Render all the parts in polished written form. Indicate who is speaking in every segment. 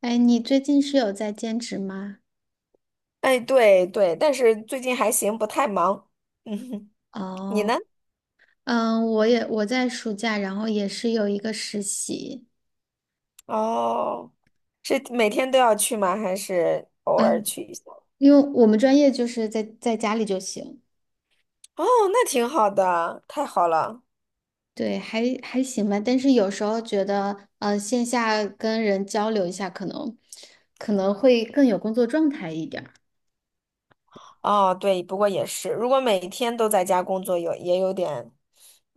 Speaker 1: 哎，你最近是有在兼职吗？
Speaker 2: 哎，对对，但是最近还行，不太忙。嗯哼。你呢？
Speaker 1: 哦，嗯，我在暑假，然后也是有一个实习。
Speaker 2: 哦，是每天都要去吗？还是偶尔
Speaker 1: 嗯，
Speaker 2: 去一下？
Speaker 1: 因为我们专业就是在家里就行。
Speaker 2: 哦，那挺好的，太好了。
Speaker 1: 对，还行吧。但是有时候觉得，线下跟人交流一下，可能会更有工作状态一点儿。
Speaker 2: 哦，对，不过也是，如果每天都在家工作，有也有点，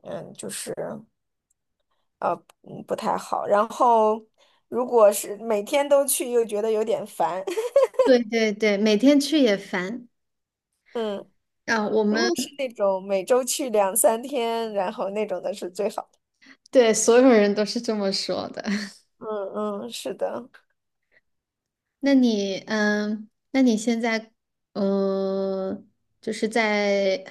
Speaker 2: 嗯，就是嗯不太好。然后，如果是每天都去，又觉得有点烦。
Speaker 1: 对对对，每天去也烦。
Speaker 2: 嗯，
Speaker 1: 啊，
Speaker 2: 如果是那种每周去两三天，然后那种的是最好的。
Speaker 1: 对所有人都是这么说的。
Speaker 2: 嗯嗯，是的。
Speaker 1: 那你，现在，嗯，就是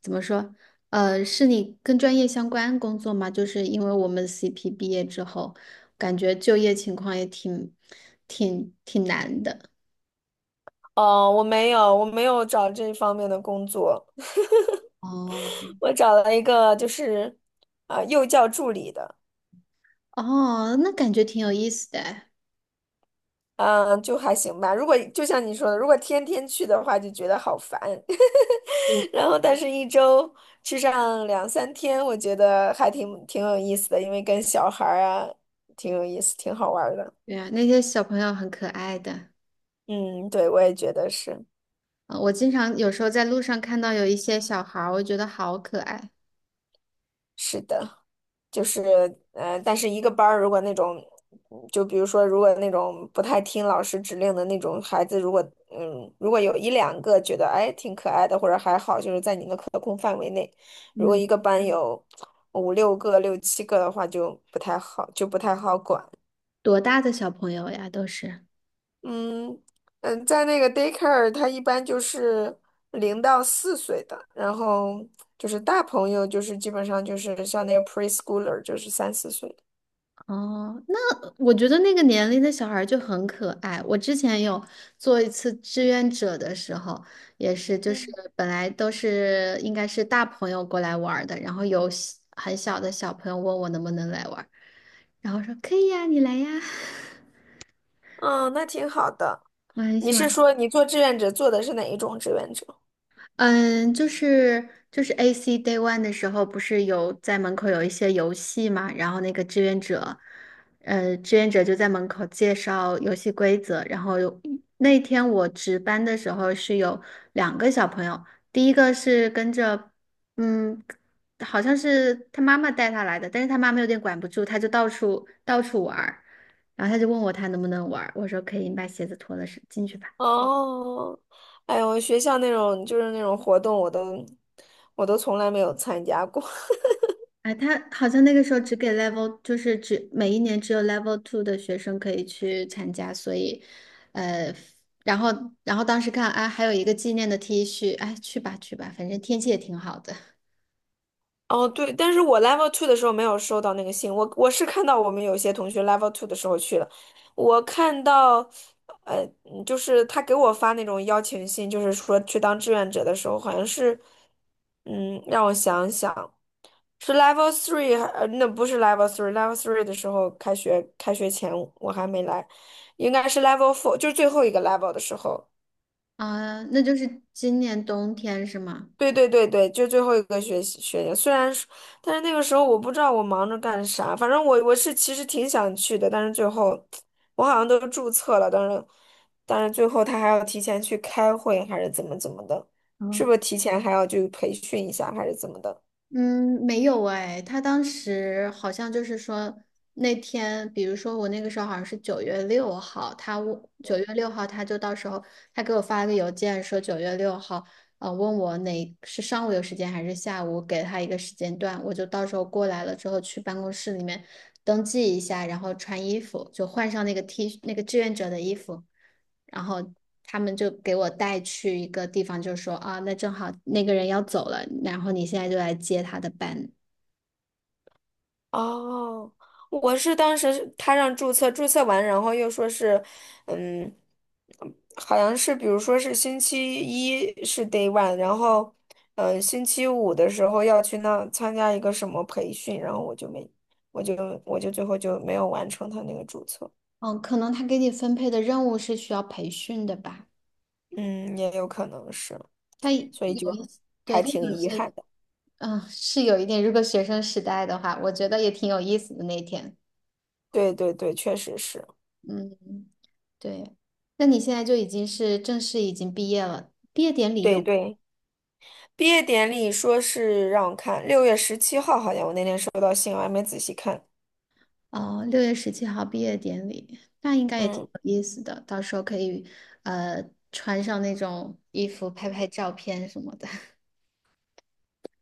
Speaker 1: 怎么说，是你跟专业相关工作吗？就是因为我们 CP 毕业之后，感觉就业情况也挺难的。
Speaker 2: 哦，我没有，我没有找这方面的工作。
Speaker 1: 哦。
Speaker 2: 我找了一个就是幼教助理的。
Speaker 1: 哦，那感觉挺有意思的哎。
Speaker 2: 嗯、就还行吧。如果就像你说的，如果天天去的话，就觉得好烦。
Speaker 1: 嗯，
Speaker 2: 然后，但是一周去上两三天，我觉得还挺有意思的，因为跟小孩儿啊挺有意思，挺好玩儿的。
Speaker 1: 对啊，那些小朋友很可爱的。
Speaker 2: 嗯，对，我也觉得是，
Speaker 1: 我经常有时候在路上看到有一些小孩儿，我觉得好可爱。
Speaker 2: 是的。就是但是一个班儿如果那种，就比如说如果那种不太听老师指令的那种孩子，如果嗯，如果有一两个觉得哎挺可爱的或者还好，就是在你的可控范围内。如果
Speaker 1: 嗯，
Speaker 2: 一个班有五六个、六七个的话，就不太好，就不太好管。
Speaker 1: 多大的小朋友呀，都是。
Speaker 2: 嗯嗯，在那个 daycare，它一般就是0到4岁的，然后就是大朋友，就是基本上就是像那个 preschooler，就是3、4岁的。
Speaker 1: 哦，那我觉得那个年龄的小孩儿就很可爱。我之前有做一次志愿者的时候，也是就是
Speaker 2: 嗯。
Speaker 1: 本来都是应该是大朋友过来玩儿的，然后有很小的小朋友问我能不能来玩儿，然后说可以呀，你来呀。
Speaker 2: 嗯，那挺好的。
Speaker 1: 我很
Speaker 2: 你
Speaker 1: 喜
Speaker 2: 是
Speaker 1: 欢。
Speaker 2: 说你做志愿者做的是哪一种志愿者？
Speaker 1: 嗯，就是 AC Day One 的时候，不是有在门口有一些游戏嘛，然后那个志愿者，志愿者就在门口介绍游戏规则。然后有那天我值班的时候是有两个小朋友，第一个是跟着，嗯，好像是他妈妈带他来的，但是他妈妈有点管不住，他就到处玩儿，然后他就问我他能不能玩儿，我说可以，你把鞋子脱了是进去吧。
Speaker 2: 哦，哎呦，学校那种就是那种活动，我都从来没有参加过。
Speaker 1: 哎，他好像那个时候只给 level，就是只每一年只有 level two 的学生可以去参加，所以，呃，然后然后当时看，哎，还有一个纪念的 T 恤，哎，去吧去吧，反正天气也挺好的。
Speaker 2: 哦，对，但是我 level two 的时候没有收到那个信，我是看到我们有些同学 level two 的时候去了，我看到，就是他给我发那种邀请信，就是说去当志愿者的时候，好像是，嗯，让我想想。是 Level Three，Level Three 的时候，开学前我还没来，应该是 Level Four，就是最后一个 Level 的时候。
Speaker 1: 啊，那就是今年冬天是吗？
Speaker 2: 对对对对，就最后一个学年。虽然说但是那个时候我不知道我忙着干啥，反正我是其实挺想去的，但是最后我好像都注册了，但是最后他还要提前去开会，还是怎么怎么的，是不
Speaker 1: 嗯。
Speaker 2: 是提前还要去培训一下，还是怎么的？
Speaker 1: 嗯，没有哎，他当时好像就是说那天，比如说我那个时候好像是九月六号，九月六号就到时候他给我发了个邮件说九月六号，问我哪是上午有时间还是下午，给他一个时间段，我就到时候过来了之后去办公室里面登记一下，然后穿衣服，就换上那个 T 那个志愿者的衣服。然后他们就给我带去一个地方，就说啊，那正好那个人要走了，然后你现在就来接他的班。
Speaker 2: 哦，我是当时是他让注册，注册完，然后又说是，嗯，好像是比如说是星期一是 day one，然后，星期五的时候要去那参加一个什么培训，我就我就最后就没有完成他那个注册。
Speaker 1: 嗯，可能他给你分配的任务是需要培训的吧？
Speaker 2: 嗯，也有可能是，
Speaker 1: 他有
Speaker 2: 所
Speaker 1: 一
Speaker 2: 以
Speaker 1: 些
Speaker 2: 就
Speaker 1: 对，
Speaker 2: 还
Speaker 1: 他
Speaker 2: 挺
Speaker 1: 有
Speaker 2: 遗
Speaker 1: 些。
Speaker 2: 憾的。
Speaker 1: 嗯，是有一点。如果学生时代的话，我觉得也挺有意思的那天。
Speaker 2: 对对对，确实是。
Speaker 1: 嗯，对。那你现在就已经是正式已经毕业了，毕业典礼
Speaker 2: 对
Speaker 1: 有？
Speaker 2: 对。毕业典礼说是让我看6月17号，好像我那天收到信，我还没仔细看。
Speaker 1: 哦，6月17号毕业典礼，那应该也挺
Speaker 2: 嗯
Speaker 1: 有意思的。到时候可以，呃，穿上那种衣服拍拍照片什么的。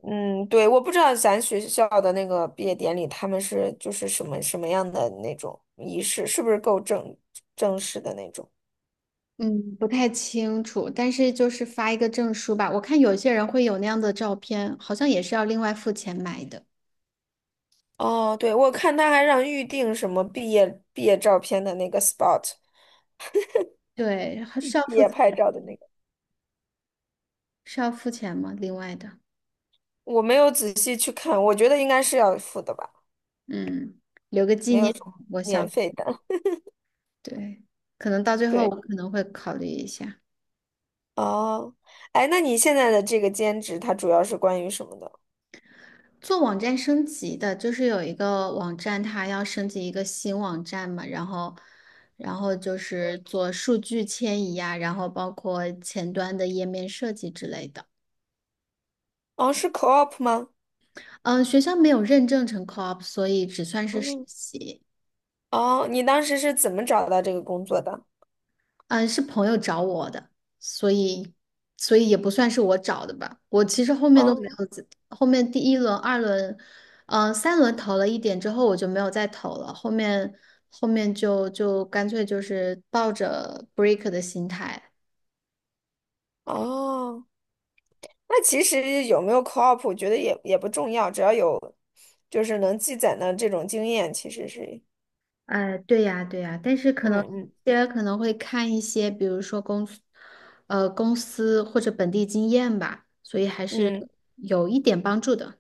Speaker 2: 嗯，对，我不知道咱学校的那个毕业典礼，他们是就是什么什么样的那种仪式，是不是够正式的那种？
Speaker 1: 嗯，不太清楚，但是就是发一个证书吧。我看有些人会有那样的照片，好像也是要另外付钱买的。
Speaker 2: 哦，对，我看他还让预定什么毕业照片的那个 spot，
Speaker 1: 对，还是要
Speaker 2: 毕
Speaker 1: 付，
Speaker 2: 业拍照的那个，
Speaker 1: 是要付钱吗？另外的，
Speaker 2: 我没有仔细去看，我觉得应该是要付的吧，
Speaker 1: 嗯，留个纪
Speaker 2: 没有
Speaker 1: 念，
Speaker 2: 什么
Speaker 1: 我
Speaker 2: 免
Speaker 1: 想，
Speaker 2: 费的。
Speaker 1: 对，可能到最 后
Speaker 2: 对。
Speaker 1: 我可能会考虑一下。
Speaker 2: 哦，哎，那你现在的这个兼职，它主要是关于什么的？
Speaker 1: 做网站升级的，就是有一个网站，它要升级一个新网站嘛，然后，然后就是做数据迁移啊，然后包括前端的页面设计之类的。
Speaker 2: 哦，是 co-op 吗？
Speaker 1: 嗯，学校没有认证成 co-op，所以只算是实
Speaker 2: 嗯。
Speaker 1: 习。
Speaker 2: 哦，你当时是怎么找到这个工作的？
Speaker 1: 嗯，是朋友找我的，所以所以也不算是我找的吧。我其实后面都没
Speaker 2: 嗯，
Speaker 1: 有自后面第一轮、二轮，三轮投了一点之后，我就没有再投了。后面就干脆就是抱着 break 的心态。
Speaker 2: 哦，那其实有没有 co-op，我觉得也不重要，只要有就是能积攒的这种经验，其实是
Speaker 1: 哎，对呀，对呀，但是可
Speaker 2: 嗯
Speaker 1: 能
Speaker 2: 嗯。
Speaker 1: 大家可能会看一些，比如说公司，公司或者本地经验吧，所以还是
Speaker 2: 嗯，
Speaker 1: 有一点帮助的。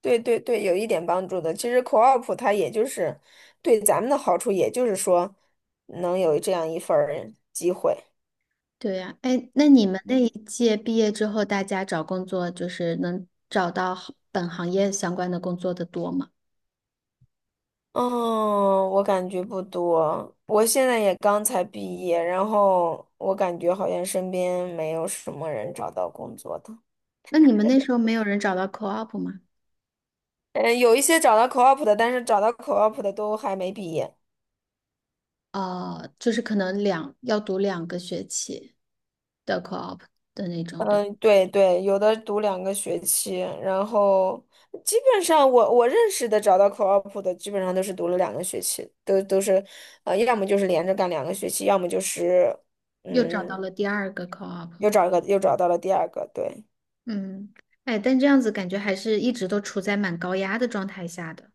Speaker 2: 对对对，有一点帮助的。其实 co-op 它也就是对咱们的好处，也就是说能有这样一份儿机会。
Speaker 1: 对呀，哎，那你
Speaker 2: 嗯
Speaker 1: 们那
Speaker 2: 嗯。
Speaker 1: 一届毕业之后，大家找工作就是能找到好本行业相关的工作的多吗？
Speaker 2: 嗯，我感觉不多。我现在也刚才毕业，然后我感觉好像身边没有什么人找到工作的。
Speaker 1: 那你们那时候没有人找到 co-op 吗？
Speaker 2: 嗯，有一些找到 co-op 的，但是找到 co-op 的都还没毕业。
Speaker 1: 哦，就是可能要读两个学期的 co-op 的那种，对吧，
Speaker 2: 嗯，对对，有的读两个学期，然后基本上我认识的找到 co-op 的，基本上都是读了两个学期，都是，呃，要么就是连着干两个学期，要么就是，
Speaker 1: 又找到
Speaker 2: 嗯，
Speaker 1: 了第二个 co-op。
Speaker 2: 又找到了第二个，对。
Speaker 1: 嗯，哎，但这样子感觉还是一直都处在蛮高压的状态下的。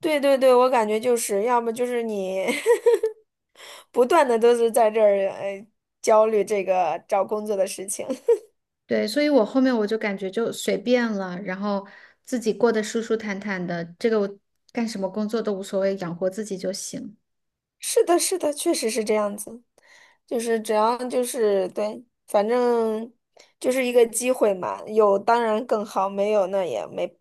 Speaker 2: 对对对，我感觉就是要么就是你 不断的都是在这儿，呃，焦虑这个找工作的事情。
Speaker 1: 对，所以我后面我就感觉就随便了，然后自己过得舒舒坦坦的，这个我干什么工作都无所谓，养活自己就行。
Speaker 2: 是的，是的，确实是这样子，就是只要就是对，反正就是一个机会嘛，有当然更好，没有那也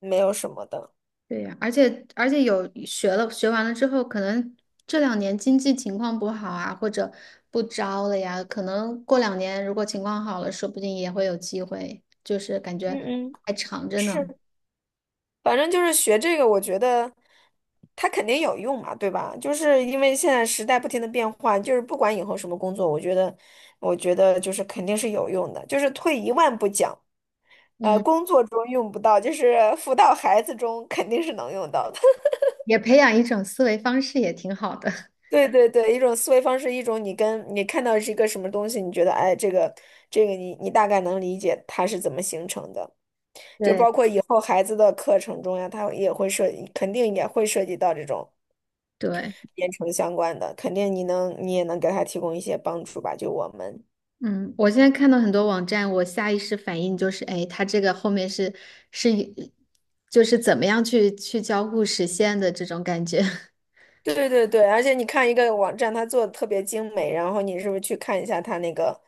Speaker 2: 没有什么的。
Speaker 1: 对呀，而且有学完了之后，可能这两年经济情况不好啊，或者不招了呀，可能过两年如果情况好了，说不定也会有机会，就是感觉
Speaker 2: 嗯嗯，
Speaker 1: 还长着
Speaker 2: 是，
Speaker 1: 呢。
Speaker 2: 反正就是学这个，我觉得它肯定有用嘛，对吧？就是因为现在时代不停的变换，就是不管以后什么工作，我觉得就是肯定是有用的，就是退一万步讲，呃，
Speaker 1: 嗯，
Speaker 2: 工作中用不到，就是 辅导孩子中肯定是能用到的。
Speaker 1: 也培养一种思维方式也挺好的。
Speaker 2: 对对对，一种思维方式，一种你跟你看到是一个什么东西，你觉得哎，这个你大概能理解它是怎么形成的，就包
Speaker 1: 对
Speaker 2: 括以后孩子的课程中呀，他也会涉，肯定也会涉及到这种
Speaker 1: 对。
Speaker 2: 编程相关的，肯定你也能给他提供一些帮助吧，就我们。
Speaker 1: 嗯，我现在看到很多网站，我下意识反应就是，哎，它这个后面是一，就是怎么样去交互实现的这种感觉。
Speaker 2: 对对对对，而且你看一个网站，它做的特别精美，然后你是不是去看一下它那个，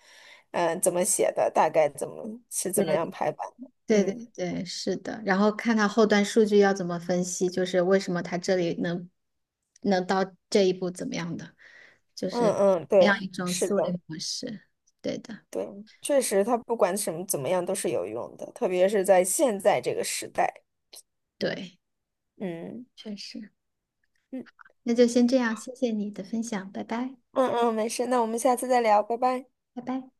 Speaker 2: 嗯、怎么写的，大概怎么是怎么样
Speaker 1: 对，
Speaker 2: 排版的？
Speaker 1: 对对
Speaker 2: 嗯
Speaker 1: 对，是的。然后看它后端数据要怎么分析，就是为什么它这里能到这一步怎么样的，就
Speaker 2: 嗯
Speaker 1: 是
Speaker 2: 嗯，
Speaker 1: 培养
Speaker 2: 对，
Speaker 1: 一种
Speaker 2: 是
Speaker 1: 思
Speaker 2: 的。
Speaker 1: 维模式。对的，
Speaker 2: 对，确实，他不管什么怎么样都是有用的，特别是在现在这个时代。
Speaker 1: 对，
Speaker 2: 嗯
Speaker 1: 确实。
Speaker 2: 嗯
Speaker 1: 那就先这样，谢谢你的分享，拜拜，
Speaker 2: 嗯嗯，没事，那我们下次再聊，拜拜。
Speaker 1: 拜拜。